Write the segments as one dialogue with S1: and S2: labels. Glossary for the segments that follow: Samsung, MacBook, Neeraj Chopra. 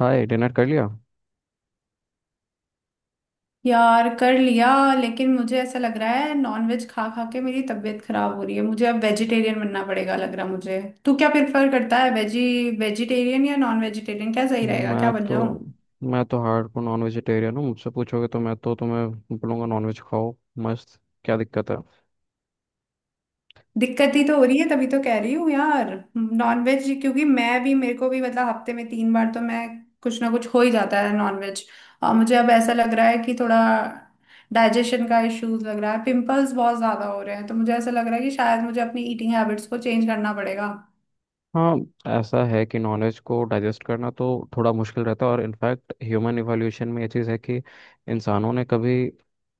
S1: हाय, dinner कर लिया।
S2: यार कर लिया। लेकिन मुझे ऐसा लग रहा है नॉनवेज खा खा के मेरी तबीयत खराब हो रही है, मुझे अब वेजिटेरियन बनना पड़ेगा, लग रहा मुझे। तू क्या प्रेफर करता है, वेजी वेजिटेरियन या नॉन वेजिटेरियन, क्या सही रहेगा, क्या
S1: मैं
S2: बन
S1: तो
S2: जाऊं?
S1: मैं तो हार्डकोर नॉन वेजिटेरियन हूँ। मुझसे पूछोगे तो मैं तो तुम्हें बोलूँगा नॉन वेज खाओ, मस्त। क्या दिक्कत है?
S2: दिक्कत ही तो हो रही है, तभी तो कह रही हूँ यार। नॉन वेज, क्योंकि मैं भी मेरे को भी मतलब हफ्ते में 3 बार तो मैं कुछ ना कुछ हो ही जाता है नॉन वेज। और मुझे अब ऐसा लग रहा है कि थोड़ा डाइजेशन का इश्यूज लग रहा है, पिंपल्स बहुत ज्यादा हो रहे हैं, तो मुझे ऐसा लग रहा है कि शायद मुझे अपनी ईटिंग हैबिट्स को चेंज करना पड़ेगा।
S1: हाँ, ऐसा है कि नॉन वेज को डाइजेस्ट करना तो थोड़ा मुश्किल रहता है, और इनफैक्ट ह्यूमन इवोल्यूशन में ये चीज़ है कि इंसानों ने कभी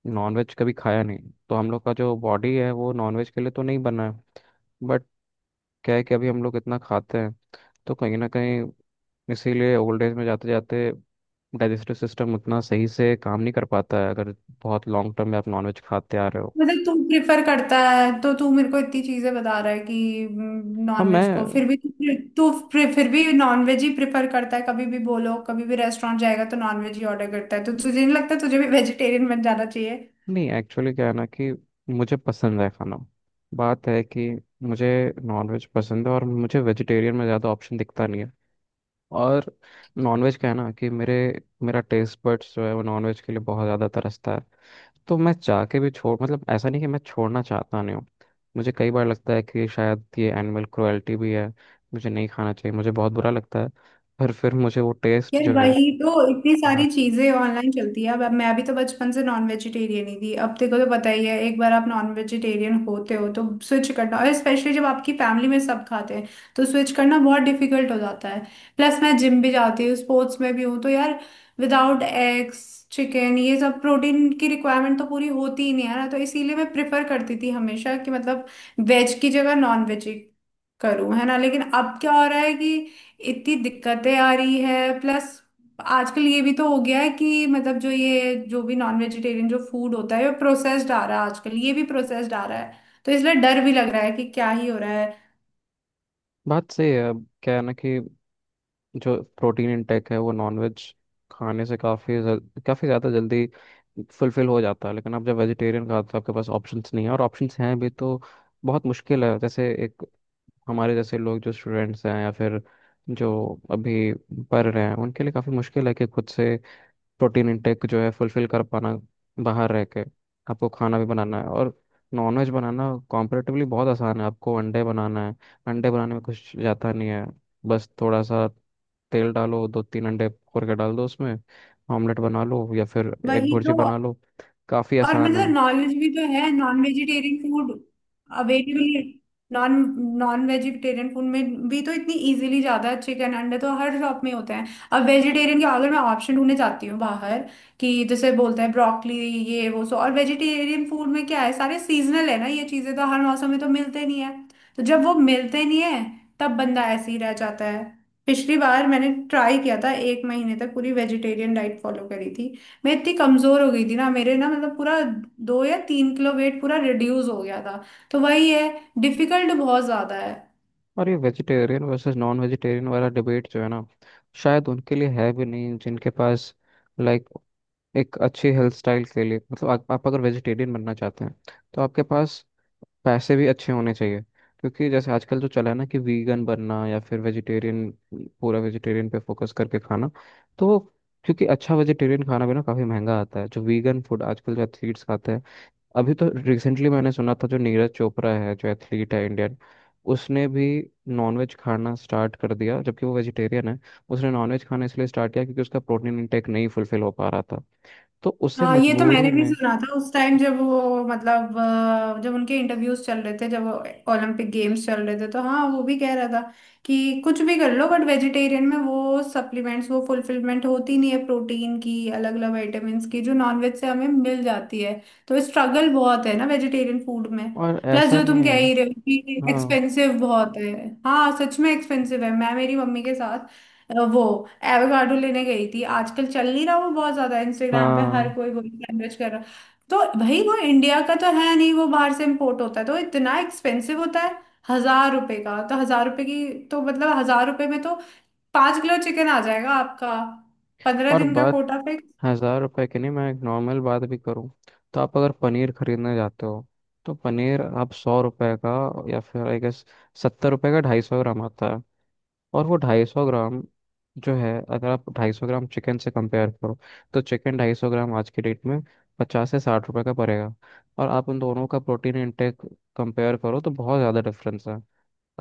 S1: नॉन वेज कभी खाया नहीं। तो हम लोग का जो बॉडी है वो नॉन वेज के लिए तो नहीं बना है। बट क्या है कि अभी हम लोग इतना खाते हैं, तो कहीं ना कहीं, इसीलिए ओल्ड एज में जाते जाते डाइजेस्टिव सिस्टम उतना सही से काम नहीं कर पाता है अगर बहुत लॉन्ग टर्म में आप नॉनवेज खाते आ रहे हो।
S2: मतलब तू प्रिफर करता है तो तू मेरे को इतनी चीजें बता रहा है कि
S1: हाँ
S2: नॉनवेज को फिर
S1: मैं,
S2: भी तू प्रे- फिर भी नॉनवेज ही प्रिफर करता है, कभी भी बोलो, कभी भी रेस्टोरेंट जाएगा तो नॉनवेज ही ऑर्डर करता है, तो तुझे नहीं लगता तुझे भी वेजिटेरियन बन जाना चाहिए?
S1: नहीं एक्चुअली क्या है ना कि मुझे पसंद है खाना। बात है कि मुझे नॉनवेज पसंद है, और मुझे वेजिटेरियन में ज़्यादा ऑप्शन दिखता नहीं है। और नॉनवेज का है ना कि मेरे मेरा टेस्ट बड्स जो है वो नॉनवेज के लिए बहुत ज़्यादा तरसता है। तो मैं चाह के भी छोड़, मतलब ऐसा नहीं कि मैं छोड़ना चाहता नहीं हूँ। मुझे कई बार लगता है कि शायद ये एनिमल क्रुएल्टी भी है, मुझे नहीं खाना चाहिए, मुझे बहुत बुरा लगता है। पर फिर मुझे वो टेस्ट
S2: यार
S1: जो है।
S2: वही तो, इतनी
S1: हाँ,
S2: सारी चीजें ऑनलाइन चलती है अब मैं भी तो बचपन से नॉन वेजिटेरियन ही थी, अब देखो तो पता ही है, एक बार आप नॉन वेजिटेरियन होते हो तो स्विच करना, और स्पेशली जब आपकी फैमिली में सब खाते हैं तो स्विच करना बहुत डिफिकल्ट हो जाता है। प्लस मैं जिम भी जाती हूँ, स्पोर्ट्स में भी हूँ, तो यार विदाउट एग्स, चिकन, ये सब प्रोटीन की रिक्वायरमेंट तो पूरी होती ही नहीं है ना, तो इसीलिए मैं प्रेफर करती थी हमेशा कि मतलब वेज की जगह नॉन वेज करूं, है ना। लेकिन अब क्या हो रहा है कि इतनी दिक्कतें आ रही है, प्लस आजकल ये भी तो हो गया है कि मतलब जो ये जो भी नॉन वेजिटेरियन जो फूड होता है वो प्रोसेस्ड आ रहा है, आजकल ये भी प्रोसेस्ड आ रहा है। तो इसलिए डर भी लग रहा है कि क्या ही हो रहा है।
S1: बात सही है। अब क्या है ना कि जो प्रोटीन इनटेक है वो नॉनवेज खाने से काफ़ी काफ़ी ज़्यादा जल्दी फुलफिल हो जाता है। लेकिन आप जब वेजिटेरियन खाते हो आपके पास ऑप्शंस नहीं है, और ऑप्शंस हैं भी तो बहुत मुश्किल है। जैसे एक हमारे जैसे लोग जो स्टूडेंट्स हैं या फिर जो अभी पढ़ रहे हैं उनके लिए काफ़ी मुश्किल है कि खुद से प्रोटीन इंटेक जो है फुलफिल कर पाना। बाहर रह के आपको खाना भी बनाना है, और नॉनवेज बनाना कॉम्परेटिवली बहुत आसान है। आपको अंडे बनाना है, अंडे बनाने में कुछ जाता नहीं है। बस थोड़ा सा तेल डालो, दो तीन अंडे फोड़ के डाल दो उसमें, ऑमलेट बना लो या फिर एग
S2: वही
S1: भुर्जी
S2: तो।
S1: बना लो, काफ़ी
S2: और
S1: आसान है।
S2: मतलब नॉलेज भी तो है, non vegetarian food available, non non vegetarian food में भी तो इतनी इजीली ज्यादा है, चिकन अंडे तो हर शॉप में होते हैं। अब वेजिटेरियन के अगर मैं ऑप्शन ढूंढने जाती हूँ बाहर, कि जैसे बोलते हैं ब्रोकली, ये वो, सो और वेजिटेरियन फूड में क्या है, सारे सीजनल है ना, ये चीजें तो हर मौसम में तो मिलते नहीं है। तो जब वो मिलते नहीं है तब बंदा ऐसे ही रह जाता है। पिछली बार मैंने ट्राई किया था एक महीने तक पूरी वेजिटेरियन डाइट फॉलो करी थी, मैं इतनी कमजोर हो गई थी ना, मेरे ना मतलब पूरा 2 या 3 किलो वेट पूरा रिड्यूस हो गया था। तो वही है, डिफिकल्ट बहुत ज्यादा है।
S1: और ये वेजिटेरियन वर्सेस नॉन वेजिटेरियन वाला डिबेट जो है ना, शायद उनके लिए है भी नहीं जिनके पास, लाइक एक अच्छी हेल्थ स्टाइल के लिए, मतलब आप अगर वेजिटेरियन बनना चाहते हैं तो आपके पास पैसे भी अच्छे होने चाहिए। क्योंकि जैसे आजकल जो चला है ना कि वीगन बनना या फिर वेजिटेरियन, पूरा वेजिटेरियन पे फोकस करके खाना, तो क्योंकि अच्छा वेजिटेरियन खाना भी ना काफ़ी महंगा आता है। जो वीगन फूड आजकल जो एथलीट्स खाते हैं, अभी तो रिसेंटली मैंने सुना था जो नीरज चोपड़ा है जो एथलीट है इंडियन, उसने भी नॉनवेज खाना स्टार्ट कर दिया जबकि वो वेजिटेरियन है। उसने नॉनवेज खाना इसलिए स्टार्ट किया क्योंकि उसका प्रोटीन इंटेक नहीं फुलफिल हो पा रहा था, तो उससे
S2: हाँ ये तो
S1: मजबूरी
S2: मैंने भी
S1: में।
S2: सुना था उस टाइम जब वो मतलब जब उनके इंटरव्यूज चल रहे थे, जब ओलंपिक गेम्स चल रहे थे, तो हाँ वो भी कह रहा था कि कुछ भी कर लो बट वेजिटेरियन में वो सप्लीमेंट्स, वो फुलफिलमेंट होती नहीं है, प्रोटीन की, अलग अलग विटामिन्स की जो नॉनवेज से हमें मिल जाती है। तो स्ट्रगल बहुत है ना वेजिटेरियन फूड में।
S1: और
S2: प्लस
S1: ऐसा
S2: जो
S1: नहीं
S2: तुम कह
S1: है।
S2: ही रहे हो कि
S1: हाँ।
S2: एक्सपेंसिव बहुत है। हाँ सच में एक्सपेंसिव है। मैं मेरी मम्मी के साथ वो एवोकाडो लेने गई थी, आजकल चल नहीं रहा वो बहुत ज्यादा, इंस्टाग्राम पे हर
S1: हाँ,
S2: कोई वही सैंडविच कर रहा। तो भाई वो इंडिया का तो है नहीं, वो बाहर से इम्पोर्ट होता है तो इतना एक्सपेंसिव होता है। 1,000 रुपए का तो 1,000 रुपए की। तो मतलब 1,000 रुपए में तो 5 किलो चिकन आ जाएगा आपका, पंद्रह
S1: और
S2: दिन का
S1: बात
S2: कोटा पे।
S1: 1000 रुपए की नहीं, मैं एक नॉर्मल बात भी करूँ तो आप अगर पनीर खरीदने जाते हो तो पनीर आप 100 रुपए का या फिर आई गेस 70 रुपए का 250 ग्राम आता है। और वो 250 ग्राम जो है अगर आप 250 ग्राम चिकन से कंपेयर करो, तो चिकन 250 ग्राम आज की डेट में 50 से 60 रुपए का पड़ेगा। और आप उन दोनों का प्रोटीन इंटेक कंपेयर करो तो बहुत ज़्यादा डिफरेंस है,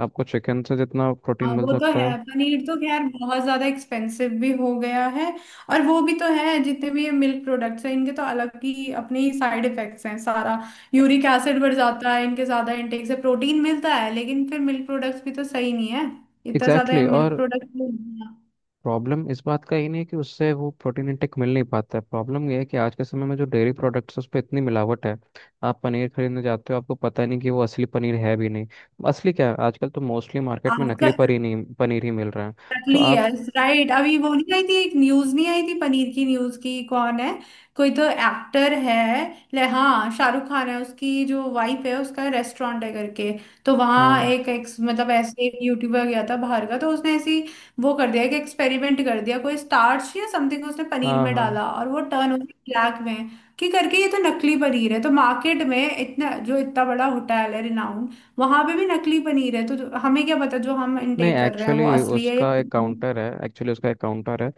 S1: आपको चिकन से जितना प्रोटीन
S2: हाँ
S1: मिल
S2: वो तो
S1: सकता है।
S2: है, पनीर तो खैर बहुत ज्यादा एक्सपेंसिव भी हो गया है। और वो भी तो है, जितने भी ये मिल्क प्रोडक्ट्स हैं इनके तो अलग ही अपने ही साइड इफेक्ट्स हैं, सारा यूरिक एसिड बढ़ जाता है इनके ज्यादा इंटेक से, प्रोटीन मिलता है लेकिन फिर मिल्क प्रोडक्ट्स भी तो सही नहीं है, इतना
S1: एग्जैक्टली
S2: ज्यादा
S1: exactly।
S2: मिल्क
S1: और
S2: प्रोडक्ट।
S1: प्रॉब्लम इस बात का ही नहीं है कि उससे वो प्रोटीन इंटेक मिल नहीं पाता है, प्रॉब्लम ये है कि आज के समय में जो डेयरी प्रोडक्ट्स उस पर इतनी मिलावट है। आप पनीर खरीदने जाते हो आपको पता नहीं कि वो असली पनीर है भी नहीं। असली क्या है, आजकल तो मोस्टली मार्केट में नकली
S2: आजकल
S1: पनीर नहीं, पनीर ही मिल रहा है। तो
S2: नकली,
S1: आप,
S2: यस राइट, अभी वो नहीं आई थी एक न्यूज, नहीं आई थी पनीर की न्यूज की, कौन है, कोई तो एक्टर है, ले हाँ शाहरुख खान है, उसकी जो वाइफ है उसका रेस्टोरेंट है करके, तो वहाँ
S1: हाँ
S2: एक, एक मतलब ऐसे एक यूट्यूबर गया था बाहर का, तो उसने ऐसी वो कर दिया कि एक्सपेरिमेंट कर दिया, कोई स्टार्च या समथिंग उसने पनीर
S1: हाँ
S2: में
S1: हाँ,
S2: डाला और वो टर्न हो गई ब्लैक में, कि करके ये तो नकली पनीर है, तो मार्केट में इतना, जो इतना बड़ा होटल है रिनाउंड, वहां पे भी नकली पनीर है, तो हमें क्या पता जो हम
S1: नहीं
S2: इनटेक कर रहे हैं वो
S1: एक्चुअली
S2: असली है या
S1: उसका एक
S2: नकली है।
S1: काउंटर है।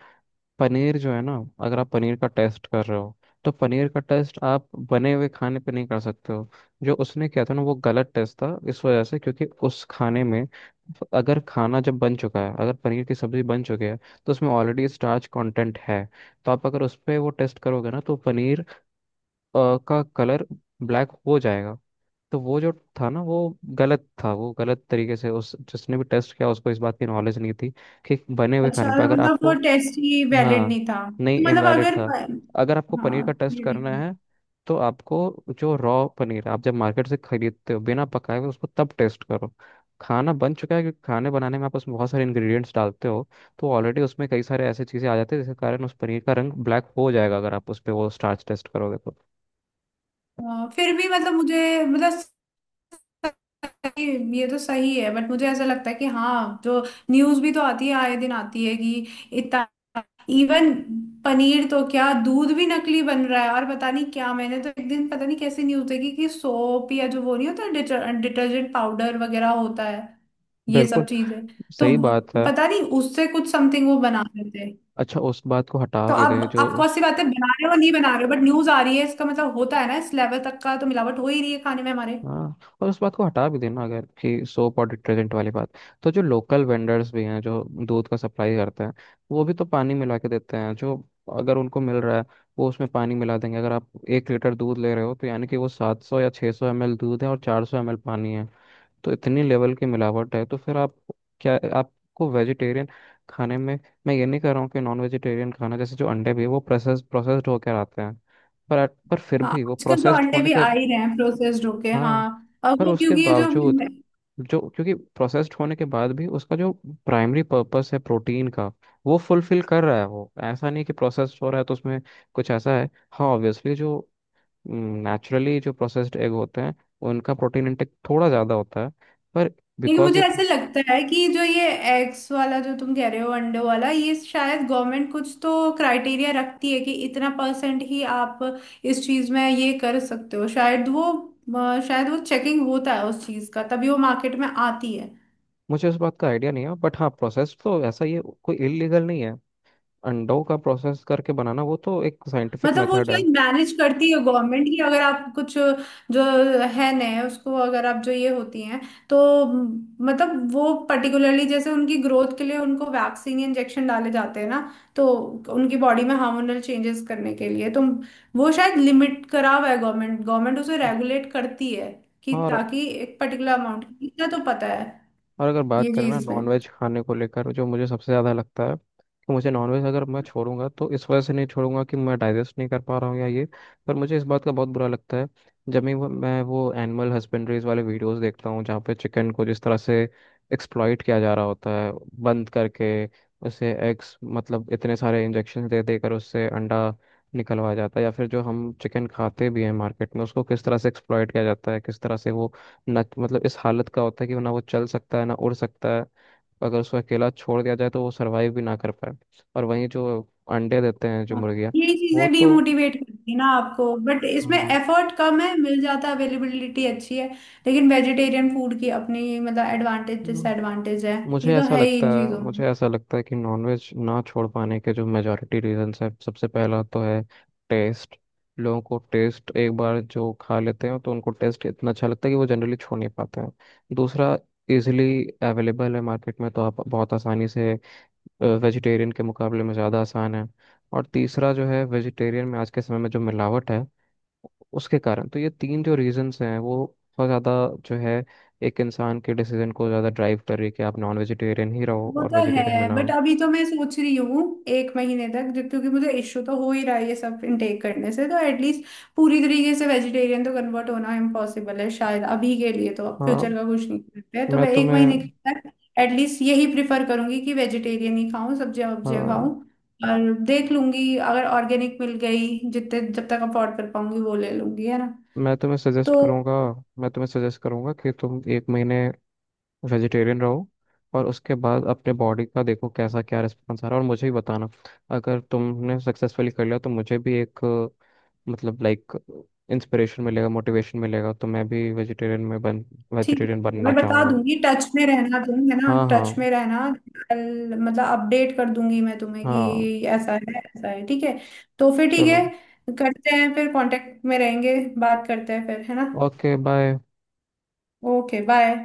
S1: पनीर जो है ना, अगर आप पनीर का टेस्ट कर रहे हो तो पनीर का टेस्ट आप बने हुए खाने पे नहीं कर सकते हो। जो उसने किया था ना वो गलत टेस्ट था इस वजह से, क्योंकि उस खाने में, अगर खाना जब बन चुका है, अगर पनीर की सब्जी बन चुकी है तो उसमें ऑलरेडी स्टार्च कंटेंट है। तो आप अगर उस पर वो टेस्ट करोगे ना तो पनीर का कलर ब्लैक हो जाएगा। तो वो जो था ना, वो गलत था, वो गलत तरीके से, उस जिसने भी टेस्ट किया उसको इस बात की नॉलेज नहीं थी कि बने हुए
S2: अच्छा
S1: खाने पे अगर
S2: मतलब
S1: आपको,
S2: वो टेस्ट ही
S1: हाँ,
S2: वैलिड नहीं था,
S1: नहीं
S2: मतलब
S1: इनवैलिड
S2: अगर
S1: था। अगर आपको पनीर
S2: हाँ,
S1: का टेस्ट
S2: ये ठीक
S1: करना है तो आपको, जो रॉ पनीर आप जब मार्केट से खरीदते हो बिना पकाए हुए, उसको तब टेस्ट करो। खाना बन चुका है क्योंकि खाने बनाने में आप उसमें बहुत सारे इंग्रेडिएंट्स डालते हो, तो ऑलरेडी उसमें कई सारे ऐसी चीज़ें आ जाती है जिसके कारण उस पनीर का रंग ब्लैक हो जाएगा अगर आप उस पर वो स्टार्च टेस्ट करोगे तो।
S2: है। फिर भी मतलब मुझे, मतलब ये तो सही है बट मुझे ऐसा लगता है कि हाँ, जो न्यूज भी तो आती है, आए दिन आती है कि इतना इवन पनीर तो क्या, दूध भी नकली बन रहा है। और पता नहीं क्या, मैंने तो एक दिन पता नहीं कैसी न्यूज देखी कि सोप, या जो वो नहीं होता डिटर्जेंट पाउडर वगैरह होता है, ये
S1: बिल्कुल
S2: सब चीजें, तो
S1: सही बात है।
S2: पता नहीं उससे कुछ समथिंग वो बना रहे थे।
S1: अच्छा, उस बात को हटा
S2: तो
S1: भी
S2: अब
S1: दें जो,
S2: आप कौन सी बातें, बना रहे हो नहीं बना रहे हो बट न्यूज आ रही है, इसका मतलब होता है ना, इस लेवल तक का तो मिलावट हो ही रही है खाने में हमारे।
S1: हाँ, और उस बात को हटा भी देना अगर कि सोप और डिटर्जेंट वाली बात। तो जो लोकल वेंडर्स भी हैं जो दूध का सप्लाई करते हैं, वो भी तो पानी मिला के देते हैं। जो, अगर उनको मिल रहा है, वो उसमें पानी मिला देंगे। अगर आप 1 लीटर दूध ले रहे हो तो यानी कि वो 700 या 600 ml दूध है और 400 ml पानी है। तो इतनी लेवल की मिलावट है तो फिर आप, क्या आपको वेजिटेरियन खाने में, मैं ये नहीं कह रहा हूँ कि नॉन वेजिटेरियन खाना जैसे जो अंडे भी है, वो प्रोसेस्ड होकर आते हैं। पर फिर
S2: हाँ
S1: भी वो
S2: आजकल तो
S1: प्रोसेस्ड
S2: अंडे
S1: होने
S2: भी
S1: के,
S2: आ ही रहे हैं प्रोसेस्ड होके, हाँ।
S1: हाँ,
S2: और
S1: पर
S2: वो
S1: उसके
S2: क्योंकि जो
S1: बावजूद जो, क्योंकि प्रोसेस्ड होने के बाद भी उसका जो प्राइमरी पर्पस है प्रोटीन का, वो फुलफिल कर रहा है। वो ऐसा नहीं कि प्रोसेस्ड हो रहा है तो उसमें कुछ ऐसा है। हाँ ऑब्वियसली जो नेचुरली जो प्रोसेस्ड एग होते हैं उनका प्रोटीन इंटेक थोड़ा ज़्यादा होता है। पर
S2: लेकिन
S1: बिकॉज
S2: मुझे
S1: ये
S2: ऐसे
S1: pro-,
S2: लगता है कि जो ये एग्स वाला, जो तुम कह रहे हो अंडों वाला, ये शायद गवर्नमेंट कुछ तो क्राइटेरिया रखती है कि इतना परसेंट ही आप इस चीज में ये कर सकते हो, शायद वो शायद वो चेकिंग होता है उस चीज का, तभी वो मार्केट में आती है।
S1: मुझे उस बात का आइडिया नहीं है बट हाँ, प्रोसेस्ड तो ऐसा ये कोई इलीगल नहीं है। अंडों का प्रोसेस करके बनाना वो तो एक साइंटिफिक
S2: मतलब वो
S1: मेथड है।
S2: शायद मैनेज करती है गवर्नमेंट की, अगर आप कुछ जो है नए उसको, अगर आप जो ये होती हैं तो, मतलब वो पर्टिकुलरली जैसे उनकी ग्रोथ के लिए उनको वैक्सीन इंजेक्शन डाले जाते हैं ना, तो उनकी बॉडी में हार्मोनल चेंजेस करने के लिए तो वो शायद लिमिट करा हुआ है, गवर्नमेंट गवर्नमेंट उसे
S1: हाँ।
S2: रेगुलेट करती है कि
S1: और
S2: ताकि एक पर्टिकुलर अमाउंट इतना तो पता है,
S1: और अगर बात
S2: ये
S1: करें ना
S2: चीज में।
S1: नॉनवेज खाने को लेकर, जो मुझे सबसे ज़्यादा लगता है कि मुझे नॉनवेज अगर मैं छोड़ूंगा तो इस वजह से नहीं छोड़ूंगा कि मैं डाइजेस्ट नहीं कर पा रहा हूँ या ये, पर मुझे इस बात का बहुत बुरा लगता है जब भी मैं वो एनिमल हस्बेंड्रीज वाले वीडियोस देखता हूँ, जहाँ पे चिकन को जिस तरह से एक्सप्लॉइट किया जा रहा होता है बंद करके, उसे एग्स, मतलब इतने सारे इंजेक्शन दे देकर उससे अंडा निकलवाया जाता है, या फिर जो हम चिकन खाते भी हैं मार्केट में उसको किस तरह से एक्सप्लॉइट किया जाता है, किस तरह से वो, ना मतलब इस हालत का होता है कि ना वो चल सकता है ना उड़ सकता है, अगर उसको अकेला छोड़ दिया जाए तो वो सरवाइव भी ना कर पाए। और वहीं जो अंडे देते हैं जो
S2: हाँ,
S1: मुर्गियाँ,
S2: ये
S1: वो
S2: चीजें
S1: तो,
S2: डीमोटिवेट करती है ना आपको, बट इसमें
S1: हाँ,
S2: एफर्ट कम है, मिल जाता है, अवेलेबिलिटी अच्छी है, लेकिन वेजिटेरियन फूड की अपनी मतलब एडवांटेज
S1: हम्म।
S2: डिसएडवांटेज है। ये
S1: मुझे
S2: तो
S1: ऐसा
S2: है ही
S1: लगता
S2: इन
S1: है
S2: चीजों।
S1: मुझे ऐसा लगता है कि नॉनवेज ना छोड़ पाने के जो मेजॉरिटी रीजंस है, सबसे पहला तो है टेस्ट। लोगों को टेस्ट एक बार जो खा लेते हैं तो उनको टेस्ट इतना अच्छा लगता है कि वो जनरली छोड़ नहीं पाते हैं। दूसरा, इजिली अवेलेबल है मार्केट में, तो आप बहुत आसानी से, वेजिटेरियन के मुकाबले में ज़्यादा आसान है। और तीसरा जो है वेजिटेरियन में आज के समय में जो मिलावट है उसके कारण। तो ये तीन जो रीजंस हैं वो बहुत ज़्यादा, जो है, एक इंसान के डिसीजन को ज़्यादा ड्राइव कर रही है कि आप नॉन वेजिटेरियन ही रहो
S2: वो
S1: और
S2: तो
S1: वेजिटेरियन में
S2: है
S1: ना
S2: बट
S1: हो।
S2: अभी तो मैं सोच रही हूँ एक महीने तक, जब क्योंकि मुझे इश्यू तो हो ही रहा है ये सब इनटेक करने से, तो एटलीस्ट पूरी तरीके से वेजिटेरियन तो कन्वर्ट होना इम्पॉसिबल है शायद अभी के लिए, तो
S1: हाँ।
S2: फ्यूचर का कुछ नहीं करते हैं, तो
S1: मैं
S2: मैं एक
S1: तुम्हें
S2: महीने के तक एटलीस्ट यही प्रिफर करूंगी कि वेजिटेरियन ही खाऊं, सब्जियां वब्जियां
S1: हाँ,
S2: खाऊं, और देख लूंगी अगर ऑर्गेनिक मिल गई, जितने जब तक अफोर्ड कर पाऊंगी वो ले लूंगी, है ना।
S1: मैं तुम्हें सजेस्ट
S2: तो
S1: करूँगा। कि तुम एक महीने वेजिटेरियन रहो, और उसके बाद अपने बॉडी का देखो कैसा क्या रिस्पॉन्स आ रहा है, और मुझे भी बताना। अगर तुमने सक्सेसफुली कर लिया तो मुझे भी एक, मतलब लाइक, इंस्पिरेशन मिलेगा, मोटिवेशन मिलेगा, तो मैं भी वेजिटेरियन में बन,
S2: ठीक
S1: वेजिटेरियन
S2: है
S1: बनना
S2: मैं बता
S1: चाहूँगा।
S2: दूंगी, टच में रहना तुम, है ना,
S1: हाँ
S2: टच
S1: हाँ।
S2: में रहना। कल मतलब अपडेट कर दूंगी मैं तुम्हें कि
S1: हाँ,
S2: ऐसा है ऐसा है, ठीक है। तो फिर ठीक
S1: चलो,
S2: है। करते हैं फिर, कांटेक्ट में रहेंगे, बात करते हैं फिर, है ना।
S1: Okay bye.
S2: Okay bye.